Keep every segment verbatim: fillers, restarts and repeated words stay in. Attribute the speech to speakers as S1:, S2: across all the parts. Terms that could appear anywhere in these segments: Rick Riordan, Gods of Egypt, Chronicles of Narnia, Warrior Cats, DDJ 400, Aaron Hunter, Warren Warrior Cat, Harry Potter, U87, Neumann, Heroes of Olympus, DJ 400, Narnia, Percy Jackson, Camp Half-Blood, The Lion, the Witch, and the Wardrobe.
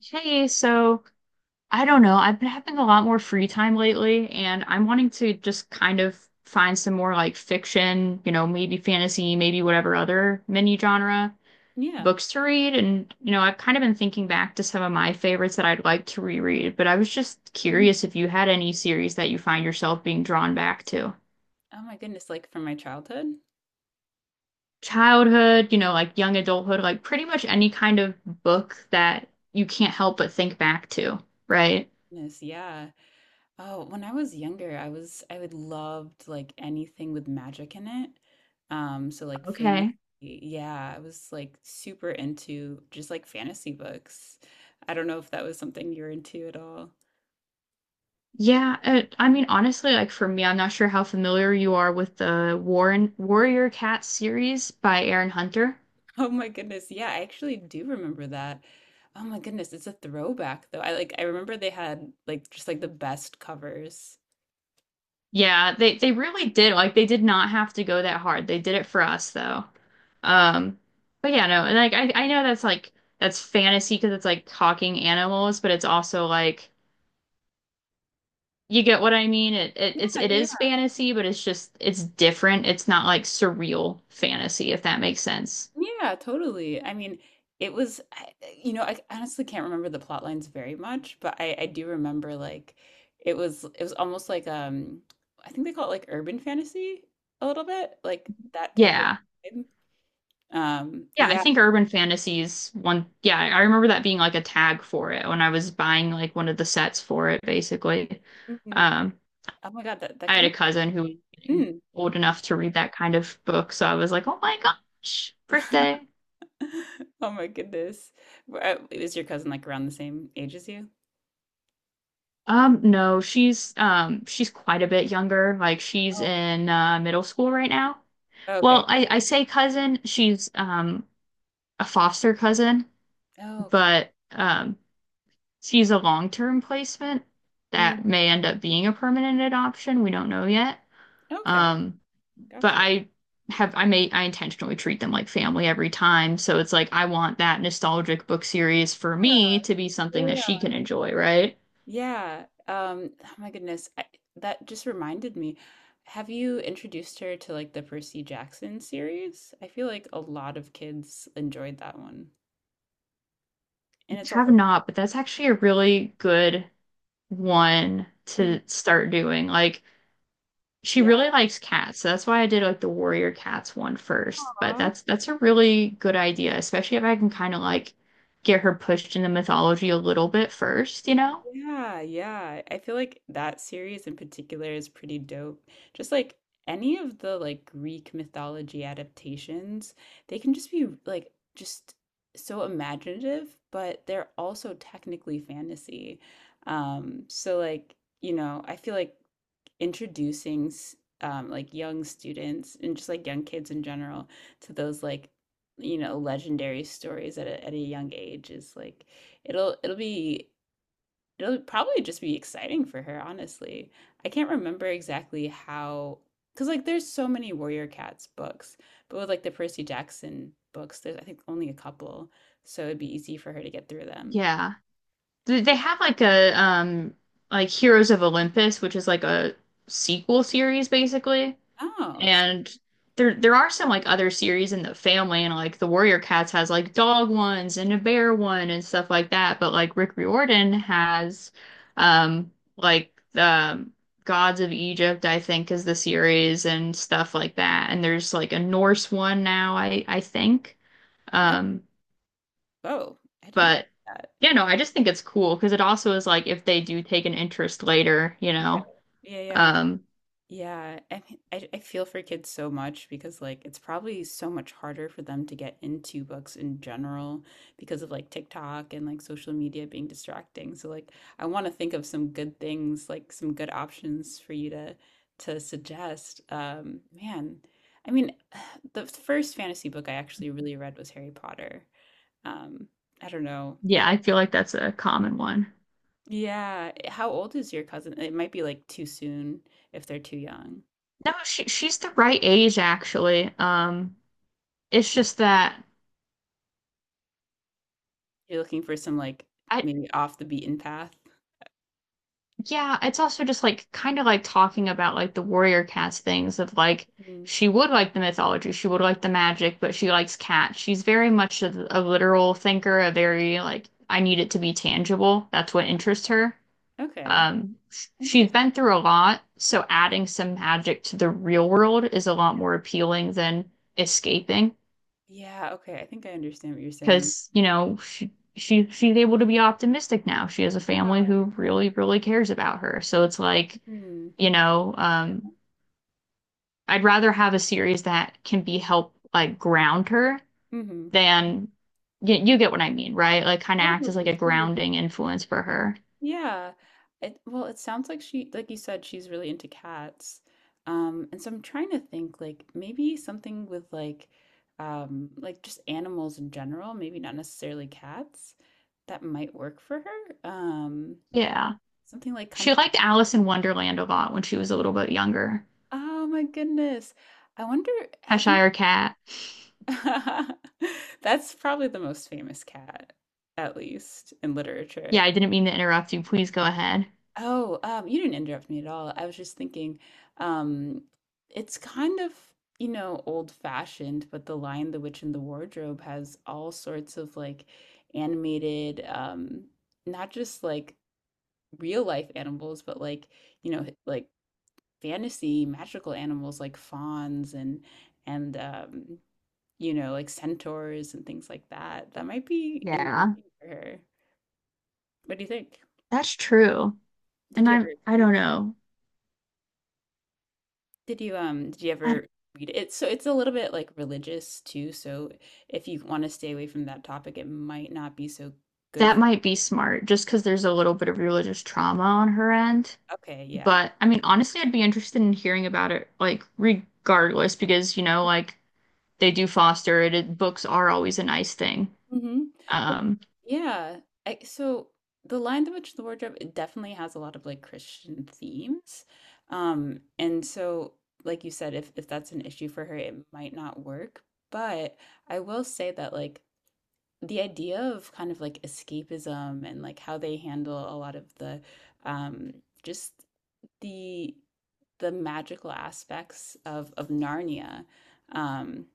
S1: Hey, so I don't know, I've been having a lot more free time lately, and I'm wanting to just kind of find some more like fiction, you know, maybe fantasy, maybe whatever other mini genre
S2: Yeah.
S1: books to read. And, you know, I've kind of been thinking back to some of my favorites that I'd like to reread, but I was just
S2: Mm.
S1: curious if you had any series that you find yourself being drawn back to.
S2: Oh my goodness, like from my childhood?
S1: Childhood, you know, like young adulthood, like pretty much any kind of book that you can't help but think back to, right?
S2: Goodness, yeah. Oh, when I was younger, I was I would loved like anything with magic in it. Um, so like fantasy,
S1: Okay.
S2: yeah, I was like super into just like fantasy books. I don't know if that was something you're into at all.
S1: Yeah, uh, I mean, honestly, like for me, I'm not sure how familiar you are with the Warren Warrior Cat series by Aaron Hunter.
S2: Oh my goodness, yeah, I actually do remember that. Oh my goodness, it's a throwback though. I like I remember they had like just like the best covers.
S1: Yeah, they they really did, like they did not have to go that hard. They did it for us though. Um, but yeah, no, and like I I know that's like that's fantasy because it's like talking animals, but it's also like you get what I mean. It, it
S2: Yeah,
S1: it's it
S2: yeah,
S1: is fantasy, but it's just it's different. It's not like surreal fantasy, if that makes sense.
S2: yeah, totally. I mean, it was, I, you know, I honestly can't remember the plot lines very much, but I, I do remember like it was it was almost like um I think they call it like urban fantasy a little bit, like that type of
S1: Yeah.
S2: vibe. Um,
S1: Yeah, I
S2: yeah.
S1: think urban fantasies one, yeah, I remember that being like a tag for it when I was buying like one of the sets for it basically.
S2: Hmm.
S1: Um
S2: Oh my God, that that
S1: I had
S2: kind
S1: a
S2: of
S1: cousin who was getting
S2: mm.
S1: old enough to read that kind of book, so I was like, "Oh my gosh, birthday."
S2: Oh my goodness. Were- uh, Is your cousin like around the same age as you?
S1: Um no, she's um she's quite a bit younger. Like she's in uh middle school right now.
S2: Oh,
S1: Well,
S2: okay.
S1: I I say cousin, she's um a foster cousin,
S2: Oh God.
S1: but um she's a long-term placement
S2: Mm.
S1: that may end up being a permanent adoption. We don't know yet.
S2: Okay.
S1: Um, but
S2: Gotcha.
S1: I have I may I intentionally treat them like family every time. So it's like I want that nostalgic book series for me to be something that
S2: Yeah.
S1: she can enjoy, right?
S2: Yeah. Um, oh my goodness. I, that just reminded me. Have you introduced her to like the Percy Jackson series? I feel like a lot of kids enjoyed that one. And
S1: I
S2: it's
S1: have
S2: also,
S1: not, but that's actually a really good one
S2: mm,
S1: to start doing. Like, she
S2: yeah.
S1: really likes cats, so that's why I did like the warrior cats one first. But that's that's a really good idea, especially if I can kind of like get her pushed into mythology a little bit first, you know?
S2: Yeah, yeah. I feel like that series in particular is pretty dope. Just like any of the like Greek mythology adaptations, they can just be like just so imaginative, but they're also technically fantasy. Um, so like, you know, I feel like introducing s- um like young students and just like young kids in general to those like you know legendary stories at a, at a young age is like it'll it'll be It'll probably just be exciting for her, honestly. I can't remember exactly how, because like there's so many Warrior Cats books, but with like the Percy Jackson books, there's I think only a couple, so it'd be easy for her to get through them.
S1: Yeah. They they have like a um like Heroes of Olympus, which is like a sequel series basically.
S2: Oh, so-
S1: And there there are some like other series in the family, and like the Warrior Cats has like dog ones and a bear one and stuff like that. But like Rick Riordan has um like the um, Gods of Egypt, I think, is the series and stuff like that. And there's like a Norse one now, I I think.
S2: oh,
S1: Um,
S2: oh, I didn't
S1: but
S2: know that.
S1: yeah, no, I just think it's cool because it also is like if they do take an interest later, you
S2: Yeah,
S1: know.
S2: yeah, yeah.
S1: Um,
S2: Yeah, I mean, I, I feel for kids so much because like it's probably so much harder for them to get into books in general because of like TikTok and like social media being distracting. So like I want to think of some good things, like some good options for you to to suggest. Um, man, I mean, the first fantasy book I actually really read was Harry Potter. Um, I don't know. It
S1: yeah, I
S2: might,
S1: feel like that's a common one.
S2: yeah. How old is your cousin? It might be like too soon if they're too young.
S1: No, she she's the right age actually. Um, it's just that
S2: You're looking for some, like,
S1: I,
S2: maybe off the beaten path?
S1: yeah, it's also just like kind of like talking about like the warrior cats things of like
S2: Mhm.
S1: she would like the mythology, she would like the magic, but she likes cats. She's very much a, a literal thinker, a very like I need it to be tangible. That's what interests her.
S2: Okay.
S1: Um, sh- she's
S2: Interesting.
S1: been through a lot, so
S2: Yeah,
S1: adding some magic to the real world is a lot
S2: yeah.
S1: more appealing than escaping.
S2: Yeah, okay, I think I understand what you're saying.
S1: Because you know she, she she's able to be optimistic now. She has a
S2: Yeah.
S1: family who really really cares about her. So it's like,
S2: Mhm.
S1: you know, um, I'd rather have a series that can be help like ground her
S2: Mhm.
S1: than, you, you get what I mean, right? Like kind of act as like
S2: Totally,
S1: a
S2: totally.
S1: grounding influence for her.
S2: Yeah. It well, it sounds like she like you said, she's really into cats. Um, and so I'm trying to think, like, maybe something with, like, um, like, just animals in general, maybe not necessarily cats, that might work for her? Um,
S1: Yeah,
S2: something, like, kind
S1: she
S2: of
S1: liked Alice in Wonderland a lot when she was a little bit younger.
S2: oh my goodness. I wonder, have you?
S1: Cheshire Cat.
S2: That's probably the most famous cat, at least in literature.
S1: Yeah, I didn't mean to interrupt you. Please go ahead.
S2: Oh, um, you didn't interrupt me at all. I was just thinking, um, it's kind of, you know, old-fashioned, but The Lion, the Witch, and the Wardrobe has all sorts of like animated, um, not just like real life animals, but like, you know, like fantasy magical animals like fawns and and um you know, like centaurs and things like that. That might be engaging
S1: Yeah,
S2: for her. What do you think?
S1: that's true.
S2: Did
S1: And
S2: you
S1: I'm,
S2: ever
S1: I don't know.
S2: Did you um did you
S1: I,
S2: ever read it? It's so it's a little bit like religious too, so if you want to stay away from that topic, it might not be so good
S1: that
S2: for
S1: might be smart, just because there's a little bit of religious trauma on her end.
S2: okay, yeah.
S1: But I mean, honestly, I'd be interested in hearing about it, like, regardless, because, you know, like, they do foster it. It books are always a nice thing.
S2: Mhm. Well,
S1: Um,
S2: yeah. I, so the Lion, the Witch, and the Wardrobe, it definitely has a lot of like Christian themes. Um, and so like you said, if if that's an issue for her, it might not work. But I will say that like the idea of kind of like escapism and like how they handle a lot of the um just the the magical aspects of of Narnia. Um,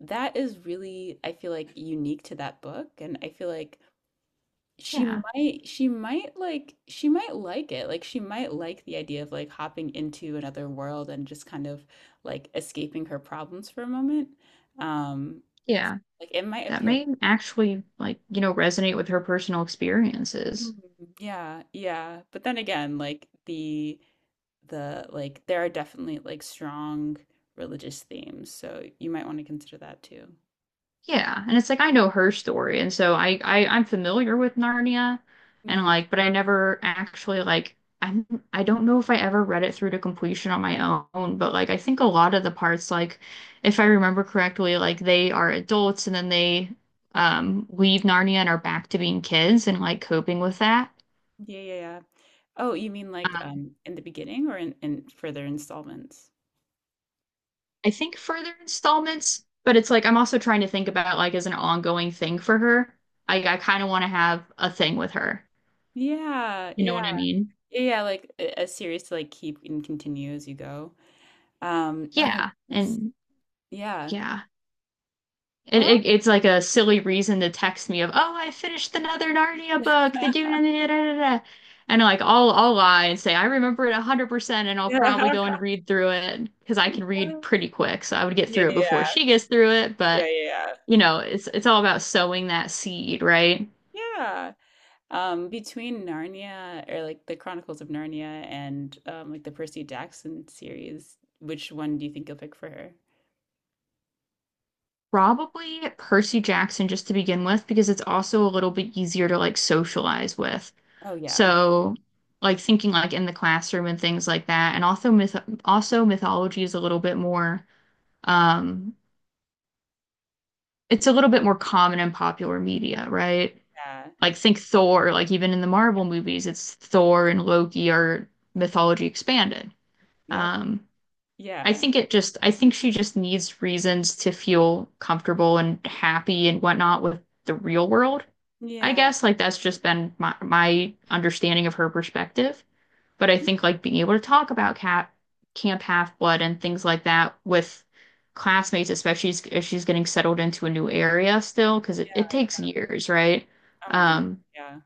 S2: that is really, I feel like, unique to that book. And I feel like she
S1: yeah,
S2: might, she might like, she might like it. Like, she might like the idea of like hopping into another world and just kind of like escaping her problems for a moment. Um,
S1: yeah.
S2: like it might
S1: That
S2: appeal.
S1: may actually, like, you know, resonate with her personal experiences.
S2: Mm, yeah, yeah. But then again, like the the like there are definitely like strong religious themes, so you might want to consider that too.
S1: Yeah, and it's like I know her story, and so I, I I'm familiar with Narnia, and
S2: Mm,
S1: like, but I never actually like, I'm, I don't know if I ever read it through to completion on my own, but like I think a lot of the parts, like if I remember correctly, like they are adults and then they um leave Narnia and are back to being kids and like coping with that.
S2: yeah, yeah, yeah. Oh, you mean like
S1: Um,
S2: um in the beginning or in, in further installments?
S1: I think further installments, but it's like I'm also trying to think about like as an ongoing thing for her. I I kind of want to have a thing with her.
S2: Yeah,
S1: You know
S2: yeah.
S1: what I mean?
S2: Yeah, like a a series to like keep and continue as you go. Um, oh my
S1: Yeah,
S2: goodness.
S1: and
S2: Yeah.
S1: yeah. It,
S2: Well,
S1: it, it's like a silly reason to text me of, "Oh, I finished another Narnia book. The do da da da da. Da." And like I'll I'll lie and say I remember it one hundred percent and I'll probably
S2: yeah.
S1: go and read through it because I can read pretty quick. So I would get
S2: Yeah,
S1: through it before
S2: yeah,
S1: she gets through it,
S2: yeah,
S1: but
S2: yeah.
S1: you know, it's it's all about sowing that seed, right?
S2: Yeah. Um, between Narnia or like the Chronicles of Narnia and um like the Percy Jackson series, which one do you think you'll pick for her?
S1: Probably Percy Jackson just to begin with, because it's also a little bit easier to like socialize with.
S2: Oh yeah.
S1: So, like thinking like in the classroom and things like that, and also myth also mythology is a little bit more um it's a little bit more common in popular media, right?
S2: Yeah.
S1: Like think Thor, like even in the Marvel movies, it's Thor and Loki are mythology expanded.
S2: Yep.
S1: Um, I
S2: Yeah.
S1: think it just, I think she just needs reasons to feel comfortable and happy and whatnot with the real world. I
S2: Yeah.
S1: guess like that's just been my my understanding of her perspective. But I think like being able to talk about cat Camp Half-Blood and things like that with classmates, especially if she's getting settled into a new area still, because it, it
S2: Yeah.
S1: takes years, right?
S2: Oh my goodness.
S1: Um,
S2: Yeah.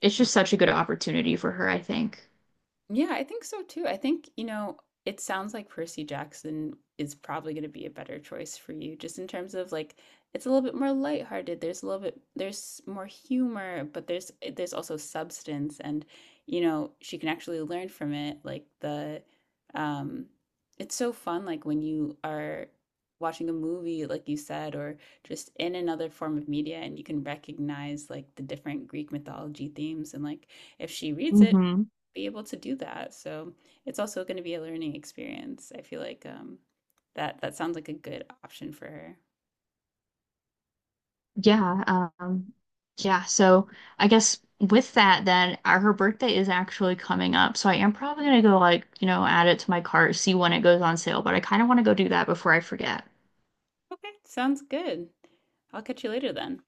S1: it's just such a good opportunity for her, I think.
S2: Yeah, I think so too. I think, you know, it sounds like Percy Jackson is probably going to be a better choice for you, just in terms of like it's a little bit more lighthearted. There's a little bit there's more humor, but there's eh, there's also substance and you know, she can actually learn from it. Like the um it's so fun like when you are watching a movie like you said or just in another form of media and you can recognize like the different Greek mythology themes and like if she reads it,
S1: Hmm.
S2: be able to do that. So it's also going to be a learning experience. I feel like um, that that sounds like a good option for her.
S1: Yeah, um, yeah. So I guess with that, then uh, her birthday is actually coming up. So I am probably gonna go, like, you know, add it to my cart, see when it goes on sale. But I kind of want to go do that before I forget.
S2: Okay, sounds good. I'll catch you later then.